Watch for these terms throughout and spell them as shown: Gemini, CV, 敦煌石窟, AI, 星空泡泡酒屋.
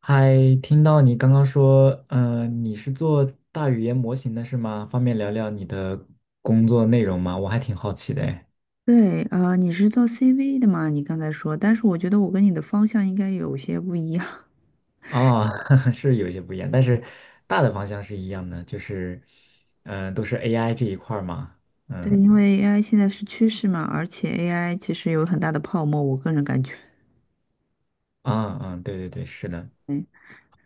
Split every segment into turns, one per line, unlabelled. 嗨，听到你刚刚说，你是做大语言模型的是吗？方便聊聊你的工作内容吗？我还挺好奇的诶。
对啊，你是做 CV 的嘛？你刚才说，但是我觉得我跟你的方向应该有些不一样。
哦，是有一些不一样，但是大的方向是一样的，都是 AI 这一块儿嘛。
对，因为 AI 现在是趋势嘛，而且 AI 其实有很大的泡沫，我个人感觉。
嗯嗯，对对对，是的，
嗯，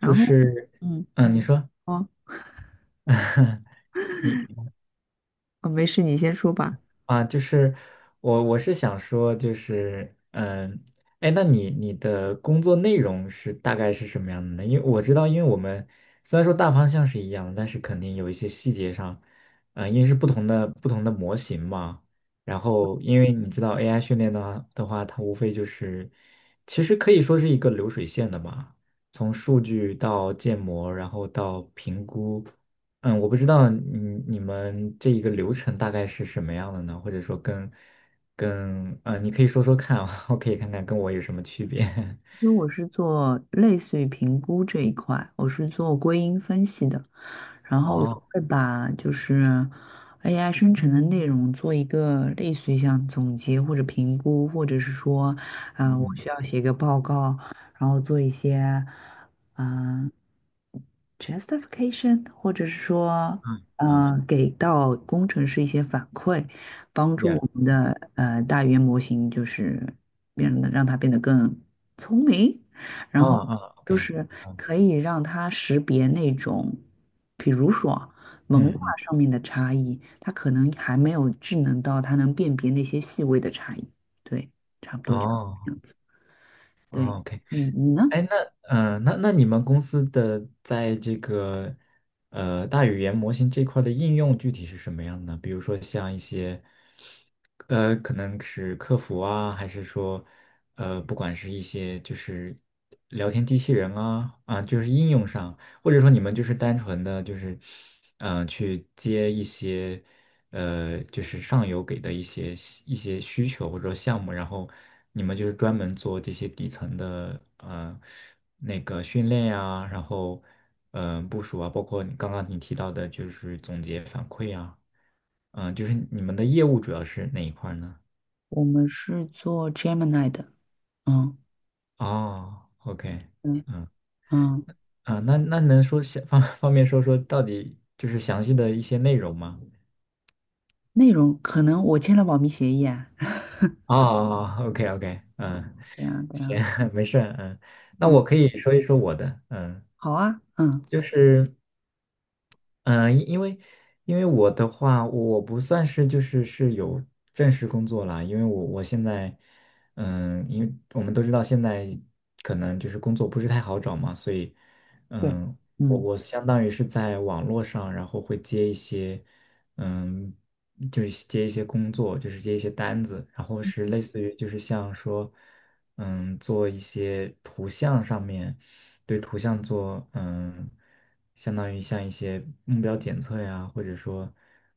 就
后，
是，
嗯，
你说，
哦，
你。
哦，没事，你先说吧。
啊，就是我是想说，那你的工作内容是大概是什么样的呢？因为我知道，因为我们虽然说大方向是一样的，但是肯定有一些细节上，嗯，因为是不同的模型嘛。然后，因为你知道 AI 训练的话，它无非就是其实可以说是一个流水线的嘛，从数据到建模，然后到评估。嗯，我不知道你你们这一个流程大概是什么样的呢？或者说跟跟呃，你可以说说看啊，我可以看看跟我有什么区别。
因为我是做类似于评估这一块，我是做归因分析的。然后我
哦，
会把就是 AI 生成的内容做一个类似于像总结或者评估，或者是说，我
嗯
需要写个报告，然后做一些，嗯、justification，或者是说，
嗯嗯
给到工程师一些反馈，帮助
，yeah,
我们的大语言模型就是让它变得更聪明，
哦
然后
哦
就
，OK,
是
嗯
可以让他识别那种，比如说
嗯
文化
嗯，
上面的差异，他可能还没有智能到他能辨别那些细微的差异。对，差不多就这
哦
样子。对，
哦，OK,
你呢？
哎，那嗯、呃那那你们公司的在这个大语言模型这块的应用具体是什么样的呢？比如说像一些。呃，可能是客服啊，还是说，呃，不管是一些就是聊天机器人啊，啊，就是应用上，或者说你们就是单纯的就是，嗯、去接一些。呃，就是上游给的一些需求或者说项目，然后你们就是专门做这些底层的那个训练呀，然后部署啊，包括你刚刚提到的就是总结反馈啊，嗯、就是你们的业务主要是哪一块儿呢？
我们是做 Gemini 的，嗯，
哦，OK,
对，嗯，
啊，那那能说方便说说到底就是详细的一些内容吗？
内容可能我签了保密协议啊，
哦，OK OK,嗯。
对啊，对
行，
啊，
没事儿嗯，那我
嗯，
可以说一说我的，嗯，
好啊，嗯。
就是。嗯，呃因因为因为我的话，我不算是有正式工作啦，因为我现在，嗯，因为我们都知道现在可能就是工作不是太好找嘛，所以，
对。
嗯，我
嗯，
我相当于是在网络上，然后会接一些，嗯，就是接一些工作，就是接一些单子，然后是类似于就是像说，嗯，做一些图像上面。对图像做，嗯，相当于像一些目标检测呀，或者说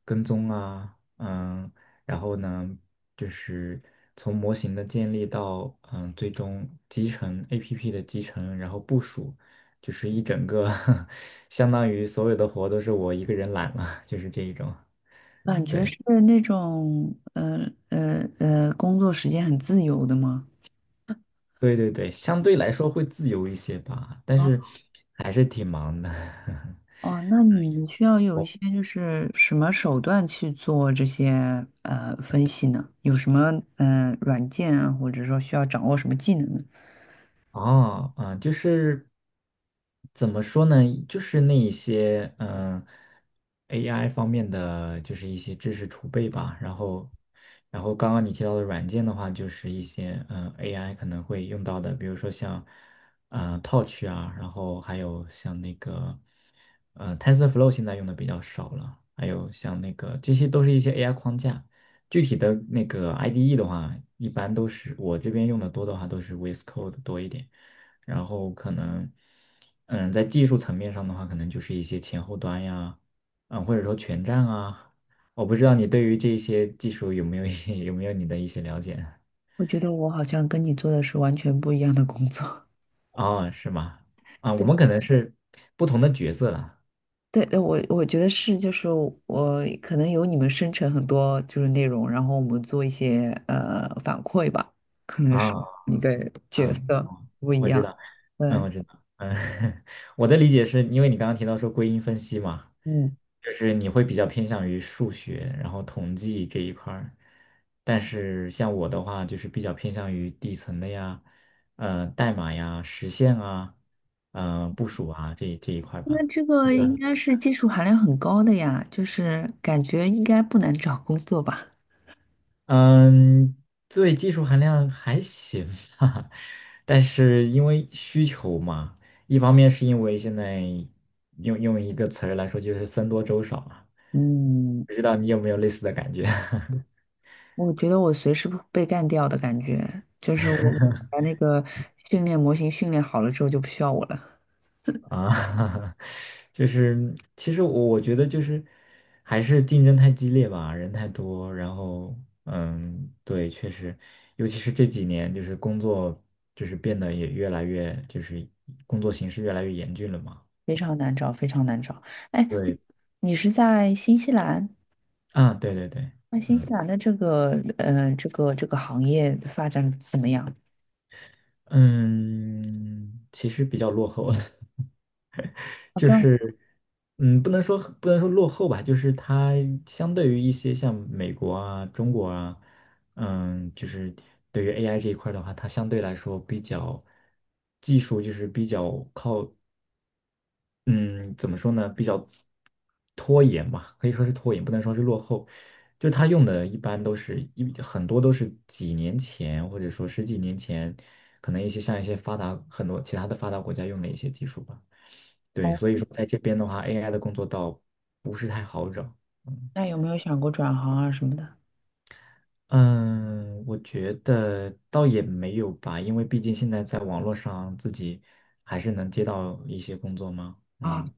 跟踪啊，嗯，然后呢，就是从模型的建立到，嗯，最终集成 APP 的集成，然后部署，就是一整个，相当于所有的活都是我一个人揽了，就是这一种。
感觉
对，
是那种工作时间很自由的吗？
对对对，相对来说会自由一些吧，但是还是挺忙的。
哦，那你需要有一些就是什么手段去做这些分析呢？有什么软件啊，或者说需要掌握什么技能呢？
哦，嗯，就是怎么说呢？就是那一些嗯、AI 方面的，就是一些知识储备吧。然后，然后刚刚你提到的软件的话，就是一些嗯、AI 可能会用到的，比如说像啊 Touch 啊，然后还有像那个呃 TensorFlow 现在用的比较少了，还有像那个这些都是一些 AI 框架。具体的那个 IDE 的话，一般都是我这边用的多的话都是 VS Code 多一点，然后可能，嗯，在技术层面上的话，可能就是一些前后端呀，嗯，或者说全站啊，我不知道你对于这些技术有没有你的一些了解呢？
我觉得我好像跟你做的是完全不一样的工作。
哦，是吗？啊，我
对
们可能是不同的角色了
对，我觉得是，就是我可能有你们生成很多就是内容，然后我们做一些反馈吧，可能是
啊
一个角
啊。
色不一
我知
样。
道，嗯，
对，
我知道，嗯，我的理解是因为你刚刚提到说归因分析嘛，
嗯。
就是你会比较偏向于数学，然后统计这一块儿，但是像我的话，就是比较偏向于底层的呀，呃，代码呀、实现啊，嗯、部署啊这一块
那
吧。
这个应该是技术含量很高的呀，就是感觉应该不难找工作吧？
嗯，对，技术含量还行吧，但是因为需求嘛，一方面是因为现在用一个词儿来说就是僧多粥少嘛，
嗯，
不知道你有没有类似的感觉
我觉得我随时会被干掉的感觉，就是我把那个训练模型训练好了之后就不需要我了，
啊？就是其实我觉得就是还是竞争太激烈吧，人太多，然后嗯，对，确实，尤其是这几年就是工作就是变得也越来越就是工作形势越来越严峻了嘛。
非常难找，非常难找。哎，
对，
你是在新西兰？
啊，对对对，
那新西
嗯
兰的这个这个行业发展怎么样？
嗯，其实比较落后，
啊，
就
这样
是嗯，不能说落后吧，就是它相对于一些像美国啊、中国啊，嗯，就是对于 AI 这一块儿的话，它相对来说比较技术就是比较靠嗯，怎么说呢？比较拖延吧，可以说是拖延，不能说是落后。就是他用的，一般都是很多都是几年前，或者说十几年前，可能一些像一些发达很多其他的发达国家用的一些技术吧。对，
哦，
所以说在这边的话，AI 的工作倒不是太好找。嗯
那有没有想过转行啊什么的？
嗯，我觉得倒也没有吧，因为毕竟现在在网络上自己还是能接到一些工作嘛。
啊，
嗯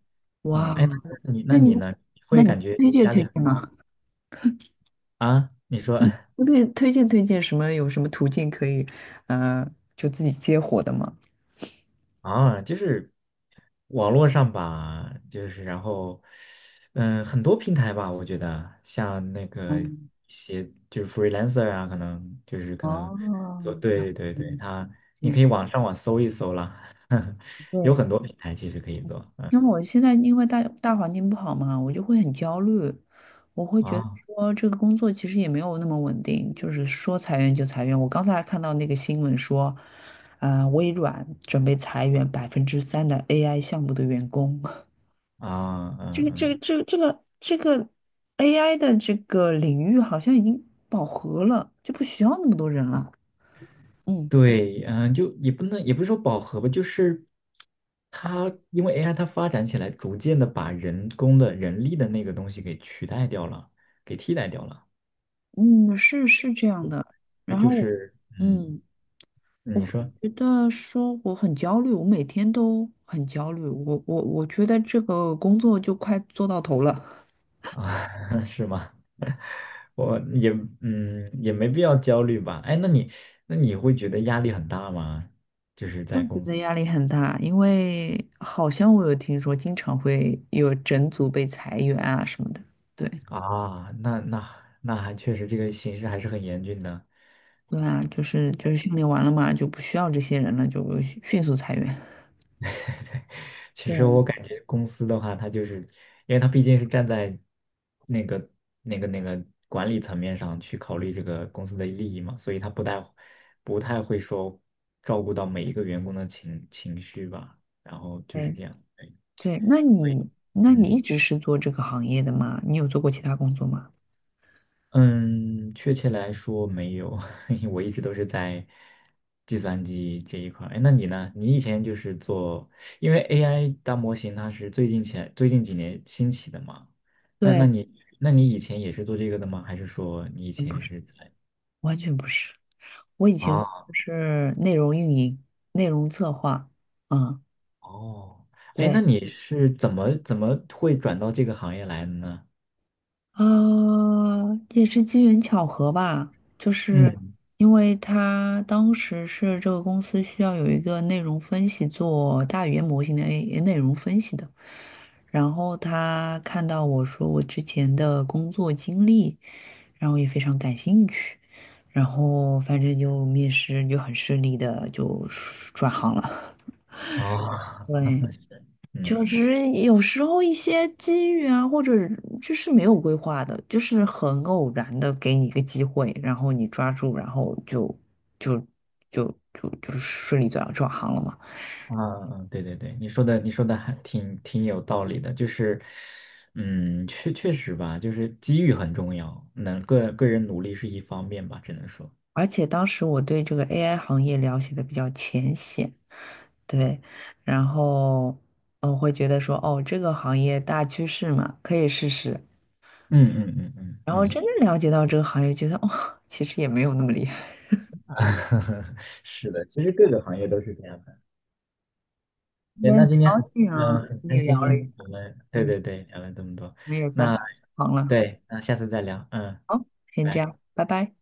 嗯，
哇，
哎，那你
那
那
你
你呢？会
那你
感觉
推荐
压力
推
很
荐
大？
吗？
啊？你说
推荐推荐什么？有什么途径可以，呃，就自己接活的吗？
啊，就是网络上吧，就是然后嗯，很多平台吧，我觉得像那个一
嗯，
些就是 freelancer 啊，可
哦，
能，对
了
对对对，他你可以
解。
网搜一搜啦。有
对，
很多平台其实可以做，嗯？
因为我现在因为大环境不好嘛，我就会很焦虑，我会觉得
啊
说这个工作其实也没有那么稳定，就是说裁员就裁员。我刚才还看到那个新闻说，微软准备裁员3%的 AI 项目的员工。
啊
这
嗯
个这
嗯，
个这个这个这个 AI 的这个领域好像已经饱和了，就不需要那么多人了。嗯
对，嗯，就也不能也不是说饱和吧，就是它因为 AI 它发展起来，逐渐的把人工的人力的那个东西给取代掉了，给替代掉了，
嗯，是是这样的。
就
然
就
后
是嗯，
嗯，我
你
会
说
觉得说我很焦虑，我每天都很焦虑。我觉得这个工作就快做到头了，
啊 是吗？我也嗯也没必要焦虑吧？哎，那你那你会觉得压力很大吗？
我觉得压力很大，因为好像我有听说经常会有整组被裁员啊什么的。对。
啊，那那还确实这个形势还是很严峻的。
对啊，就是训练完了嘛，就不需要这些人了，就迅速裁员。
其实
对，
我感觉公司的话，它就是，因为它毕竟是站在那个、那个管理层面上去考虑这个公司的利益嘛，所以它不太会说照顾到每一个员工的情绪吧。然后就是
对
这样，对
对，那你一
嗯。
直是做这个行业的吗？你有做过其他工作吗？
嗯，确切来说没有，我一直都是在计算机这一块儿。哎，那你呢？你以前就是做，因为 AI 大模型它是最近几年兴起的嘛。那那
对，
你那你以前也是做这个的吗？还是说你以
嗯不
前
是，
是在
完全不是。我以前
啊？
是内容运营、内容策划，嗯，
哦，哎，那
对，
你是怎么会转到这个行业来的呢？
啊，也是机缘巧合吧，就是
嗯，
因为他当时是这个公司需要有一个内容分析做大语言模型的 内容分析的，然后他看到我说我之前的工作经历，然后也非常感兴趣，然后反正就面试就很顺利的就转行了，
啊
对。就
嗯。
是有时候一些机遇啊，或者就是没有规划的，就是很偶然的给你一个机会，然后你抓住，然后就就就顺利转行了嘛。
啊，对对对，你说的还挺有道理的，就是，嗯，确实吧，就是机遇很重要，个人努力是一方面吧，只能说，
而且当时我对这个 AI 行业了解的比较浅显，对，然后我会觉得说，哦，这个行业大趋势嘛，可以试试。
嗯嗯嗯嗯
然
嗯，
后真
嗯
正了解到这个行业，觉得哦，其实也没有那么厉害。
是的，其实各个行业都是这样的。
今
对？
天
那
很
今天
高
很
兴
嗯、
啊，
呃
跟
很
你
开
聊
心，
了一下。
我们对
嗯。
对对聊了这么多，
我也在
那
忙了。
对，那下次再聊，嗯。
好，先这
拜。
样，拜拜。